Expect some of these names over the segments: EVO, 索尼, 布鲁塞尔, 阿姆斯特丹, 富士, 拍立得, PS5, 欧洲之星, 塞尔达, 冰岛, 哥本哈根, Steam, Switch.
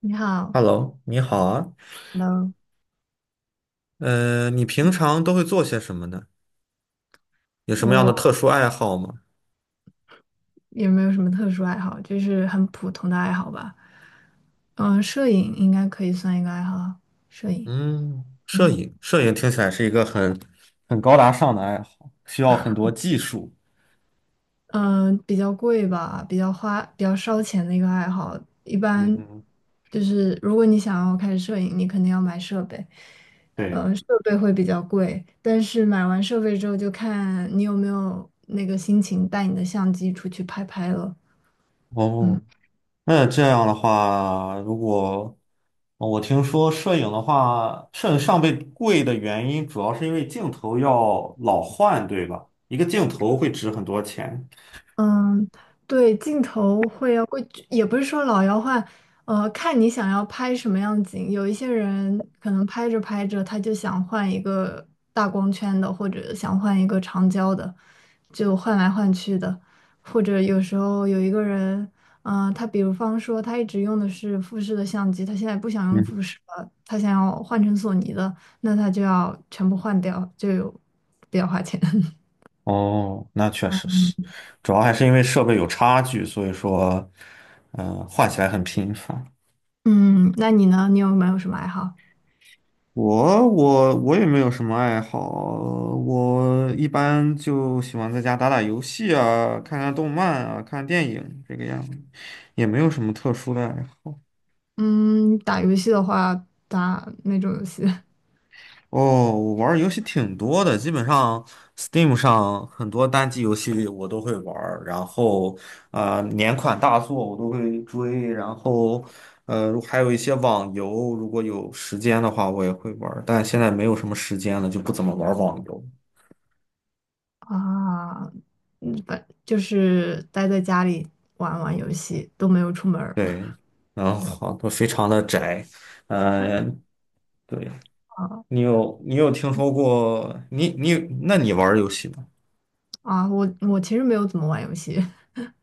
你好，Hello，你好啊，Hello，你平常都会做些什么呢？有什么样我的特殊爱好吗？也没有什么特殊爱好，就是很普通的爱好吧。嗯，摄影应该可以算一个爱好啊。摄影。嗯，摄嗯，影，摄影听起来是一个很高大上的爱好，需要很多技术。嗯，比较贵吧，比较花，比较烧钱的一个爱好。一嗯般哼，就是如果你想要开始摄影，你肯定要买设备，对呀。设备会比较贵。但是买完设备之后，就看你有没有那个心情带你的相机出去拍拍了。嗯。哦，那这样的话，哦我听说摄影的话，摄影上备贵的原因主要是因为镜头要老换，对吧？一个镜头会值很多钱。嗯，对，镜头会要会，也不是说老要换，看你想要拍什么样的景。有一些人可能拍着拍着，他就想换一个大光圈的，或者想换一个长焦的，就换来换去的。或者有时候有一个人，他比如方说他一直用的是富士的相机，他现在不想用嗯。富士了，他想要换成索尼的，那他就要全部换掉，就有比较花钱。哦，那确实是，主要还是因为设备有差距，所以说，换起来很频繁。嗯，那你呢？你有没有什么爱好？我也没有什么爱好，我一般就喜欢在家打打游戏啊，看看动漫啊，看电影这个样子，也没有什么特殊的爱好。嗯，打游戏的话，打那种游戏 哦，我玩儿游戏挺多的，基本上 Steam 上很多单机游戏我都会玩儿，然后年款大作我都会追，然后还有一些网游，如果有时间的话我也会玩儿，但现在没有什么时间了，就不怎么玩儿网游。啊，反就是待在家里玩玩游戏，都没有出门儿 对，然后都非常的宅，呃，对，啊你有你有听说过你你那你玩儿游戏吗？啊！我其实没有怎么玩游戏，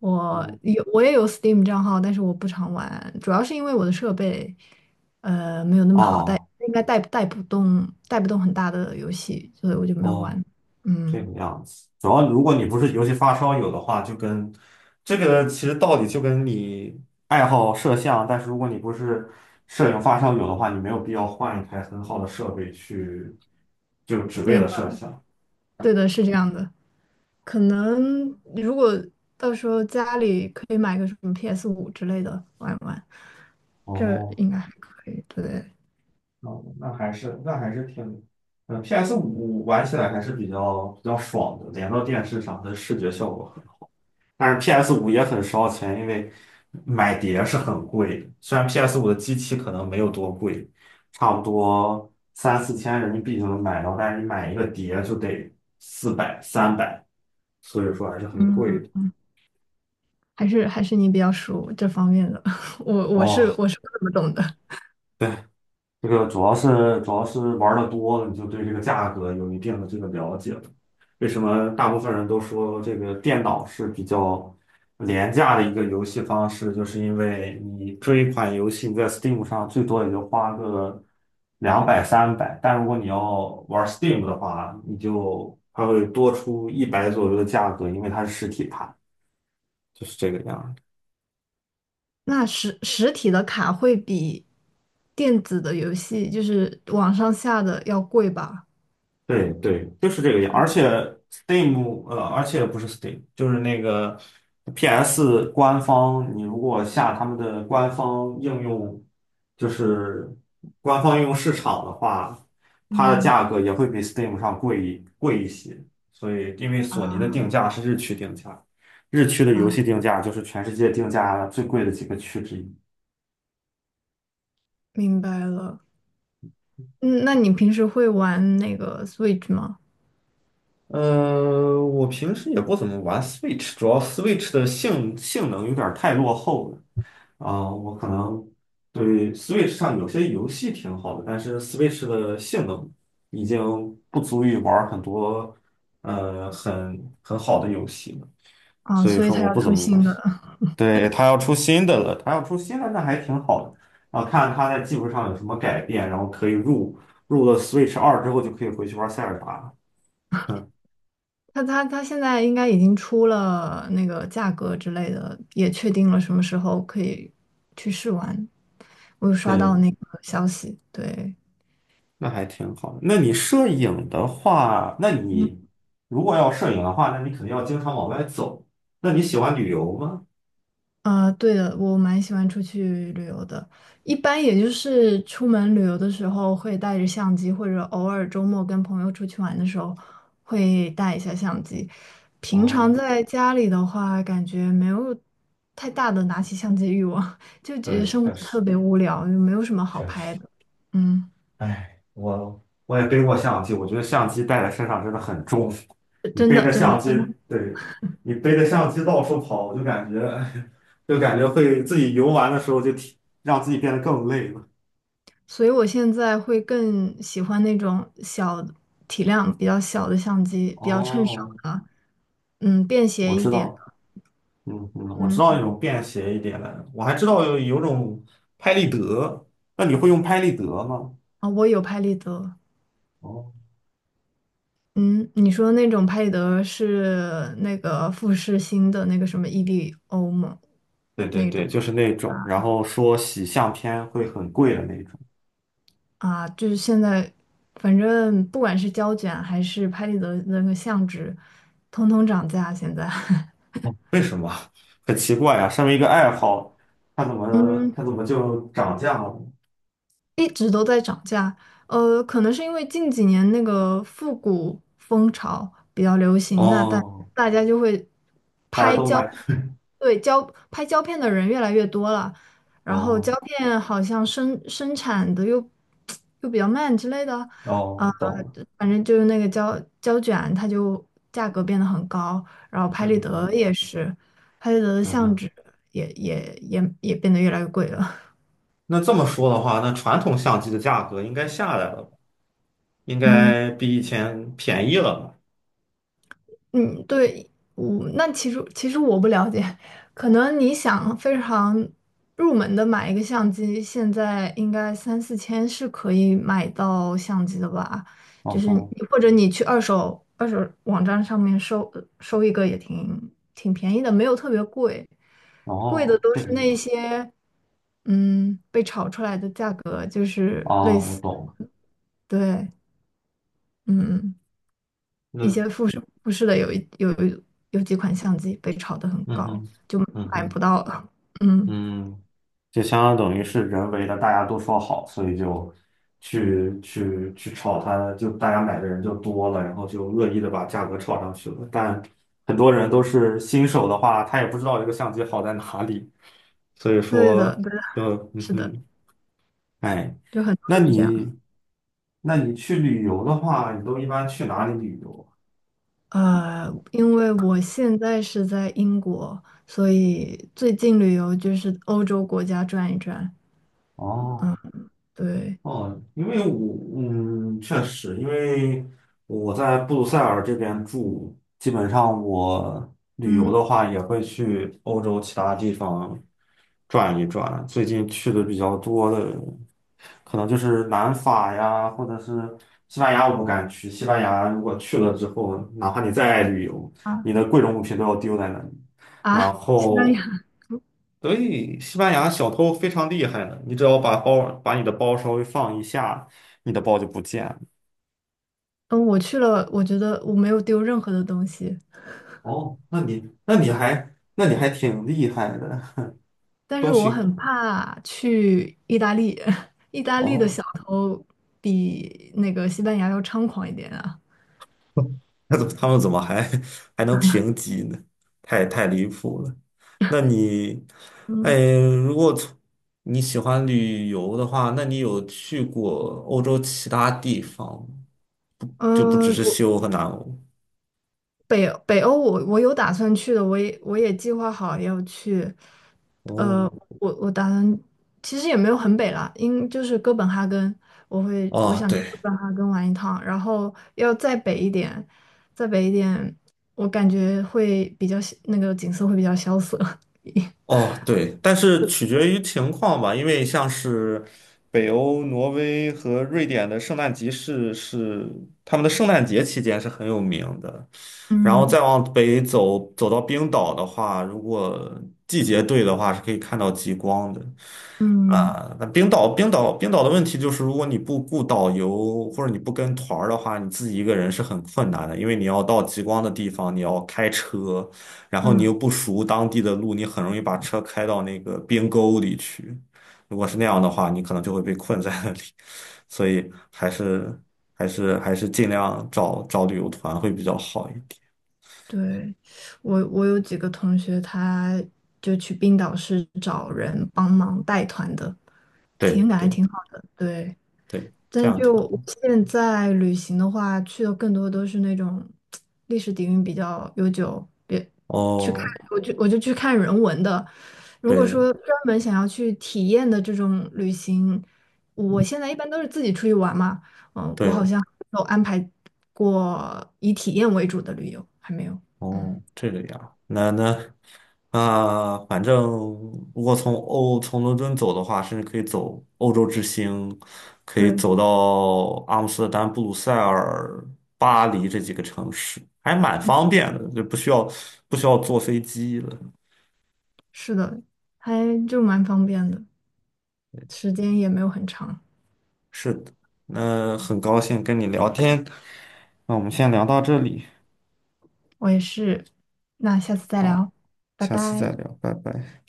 我哦有我也有 Steam 账号，但是我不常玩，主要是因为我的设备没有那么好带，哦应该带不动很大的游戏，所以我就没有哦，玩。这嗯，个样子，主要如果你不是游戏发烧友的话，这个其实道理就跟你爱好摄像，但是如果你不是摄影发烧友的话，你没有必要换一台很好的设备去，就只对为的了摄像。对的，是这样的。可能如果到时候家里可以买个什么 PS5之类的玩玩，这哦，应该还可以。对，那那还是那还是挺，呃，PS 五玩起来还是比较爽的，连到电视上，它的视觉效果。但是 PS 五也很烧钱，因为买碟是很贵的。虽然 PS 五的机器可能没有多贵，差不多3、4千人民币就能买到，但是你买一个碟就得400、三百，所以说还是很贵嗯，的。还是你比较熟这方面的，我我哦，是我是不怎么懂的。对。这个主要是玩的多了你就对这个价格有一定的这个了解了。为什么大部分人都说这个电脑是比较廉价的一个游戏方式，就是因为你这一款游戏你在 Steam 上最多也就花个200三百，但如果你要玩 Steam 的话，你就它会多出100左右的价格，因为它是实体盘，就是这个样儿。那实体的卡会比电子的游戏，就是网上下的要贵吧？对对，就是这个样。而且 Steam，而且不是 Steam，就是那个 PS 官方，你如果下他们的官方应用，就是官方应用市场的话，它的嗯价格也会比 Steam 上贵一些。所以，因为索尼的啊定价是日区定价，日区的游啊，戏定价就是全世界定价最贵的几个区之一。明白了。嗯，那你平时会玩那个 Switch 吗？我平时也不怎么玩 Switch，主要 Switch 的性能有点儿太落后了。啊、我可能对 Switch 上有些游戏挺好的，但是 Switch 的性能已经不足以玩儿很多很好的游戏了，啊，所以所以说它我要不怎出么玩新儿。的。对，它要出新的了，它要出新的那还挺好的。啊，看它在技术上有什么改变，然后可以入了 Switch 2之后就可以回去玩塞尔达。他现在应该已经出了那个价格之类的，也确定了什么时候可以去试玩。我有刷到对，那个消息，对，那还挺好的。那你摄影的话，那嗯。你如果要摄影的话，那你肯定要经常往外走。那你喜欢旅游吗？啊，对的，我蛮喜欢出去旅游的。一般也就是出门旅游的时候会带着相机，或者偶尔周末跟朋友出去玩的时候会带一下相机。平常哦，在家里的话，感觉没有太大的拿起相机欲望，就觉得对，生确活实特别无聊，就没有什么好确拍实，的。嗯，哎，我也背过相机，我觉得相机带在身上真的很重。你真背的，着真的，相机，真的。对，你背着相机到处跑，我就感觉 就感觉会自己游玩的时候就挺让自己变得更累了。所以我现在会更喜欢那种体量比较小的相机，比较趁手哦，的，嗯，便我携一知点道，的。嗯嗯，我知道那嗯，种便携一点的，我还知道有种拍立得，那你会用拍立得吗？我有拍立得。哦，嗯，你说那种拍立得是那个富士新的那个什么 EVO 吗？对对那种对，就是那啊种，然后说洗相片会很贵的那种，啊，就是现在，反正不管是胶卷还是拍立得的那个相纸，通通涨价现在。哦为什么？很奇怪啊，身为一个爱好，它怎么嗯，它怎么就涨价了？一直都在涨价。呃，可能是因为近几年那个复古风潮比较流行，那大哦，大家就会大家拍都胶，买，对，胶，拍胶片的人越来越多了，然后胶哦片好像生产的又 又比较慢之类的，啊、哦，懂了，反正就是那个胶卷，它就价格变得很高，然后拍立嗯得嗯也是，拍立得的嗯相哼。纸也变得越来越贵了，那这么说的话，那传统相机的价格应该下来了吧？应 嗯。该比以前便宜了吧？嗯，对，那其实我不了解，可能你想非常入门的买一个相机，现在应该三四千是可以买到相机的吧？就哦是你哦或者你去二手网站上面收收一个也挺便宜的，没有特别贵，贵的哦，都这是个那样些被炒出来的价格，就是类哦，我似，懂了。对，嗯。一些那富士的有几款相机被炒得很嗯高，哼，就嗯买不哼，到了。嗯，嗯，就相当等于是人为的，大家都说好，所以就去炒它，就大家买的人就多了，然后就恶意的把价格炒上去了。但很多人都是新手的话，他也不知道这个相机好在哪里，所以对的，说对的，就嗯是的，哼，哎，就很多那都是这样。你那你去旅游的话，你都一般去哪里旅游因为我现在是在英国，所以最近旅游就是欧洲国家转一转。啊？哦。对，哦，因为我确实，因为我在布鲁塞尔这边住，基本上我旅游嗯的话也会去欧洲其他地方转一转。最近去的比较多的，可能就是南法呀，或者是西班牙，我不敢去。西班牙如果去了之后，哪怕你再爱旅游，啊你的贵重物品都要丢在那里。然西班后牙，所以西班牙小偷非常厉害的，你只要把包把你的包稍微放一下，你的包就不见了。嗯，我去了，我觉得我没有丢任何的东西，哦，那你还挺厉害的，但是东我西很怕去意大利，意大利的哦，小偷比那个西班牙要猖狂一点啊。那怎么他们怎么还 还能评级呢？太离谱了。那你，哎，嗯如果从你喜欢旅游的话，那你有去过欧洲其他地方吗？就不只嗯，是西欧和南欧。北欧我有打算去的，我也计划好要去。呃，哦，我打算其实也没有很北啦，就是哥本哈根，我会我哦，想去对，哥本哈根玩一趟，然后要再北一点，再北一点，我感觉会比较那个景色会比较萧瑟。哦，对，但是取决于情况吧，因为像是北欧、挪威和瑞典的圣诞集市是他们的圣诞节期间是很有名的，然后嗯再往北走，走到冰岛的话，如果季节对的话，是可以看到极光的。嗯。啊，那冰岛的问题就是，如果你不雇导游或者你不跟团儿的话，你自己一个人是很困难的，因为你要到极光的地方，你要开车。然后你又嗯，不熟当地的路，你很容易把车开到那个边沟里去。如果是那样的话，你可能就会被困在那里。所以还是尽量找找旅游团会比较好一点。对，我有几个同学，他就去冰岛是找人帮忙带团的，对体验感还对挺好的。对。对，这但样挺就好。现在旅行的话，去的更多都是那种历史底蕴比较悠久，别去看，哦，我就去看人文的。如果对说专门想要去体验的这种旅行，我现在一般都是自己出去玩嘛，嗯，我好对。像没有安排过以体验为主的旅游，还没有。嗯，哦，这个呀，那那啊，反正如果从伦敦走的话，甚至可以走欧洲之星，可以对，走到阿姆斯特丹、布鲁塞尔、巴黎这几个城市，还蛮嗯，方便的，就不需要坐飞机了。是的，还就蛮方便的，时间也没有很长。是的，那很高兴跟你聊天，那我们先聊到这里，我也是，那下次再好，聊，拜下次拜。再聊，拜拜。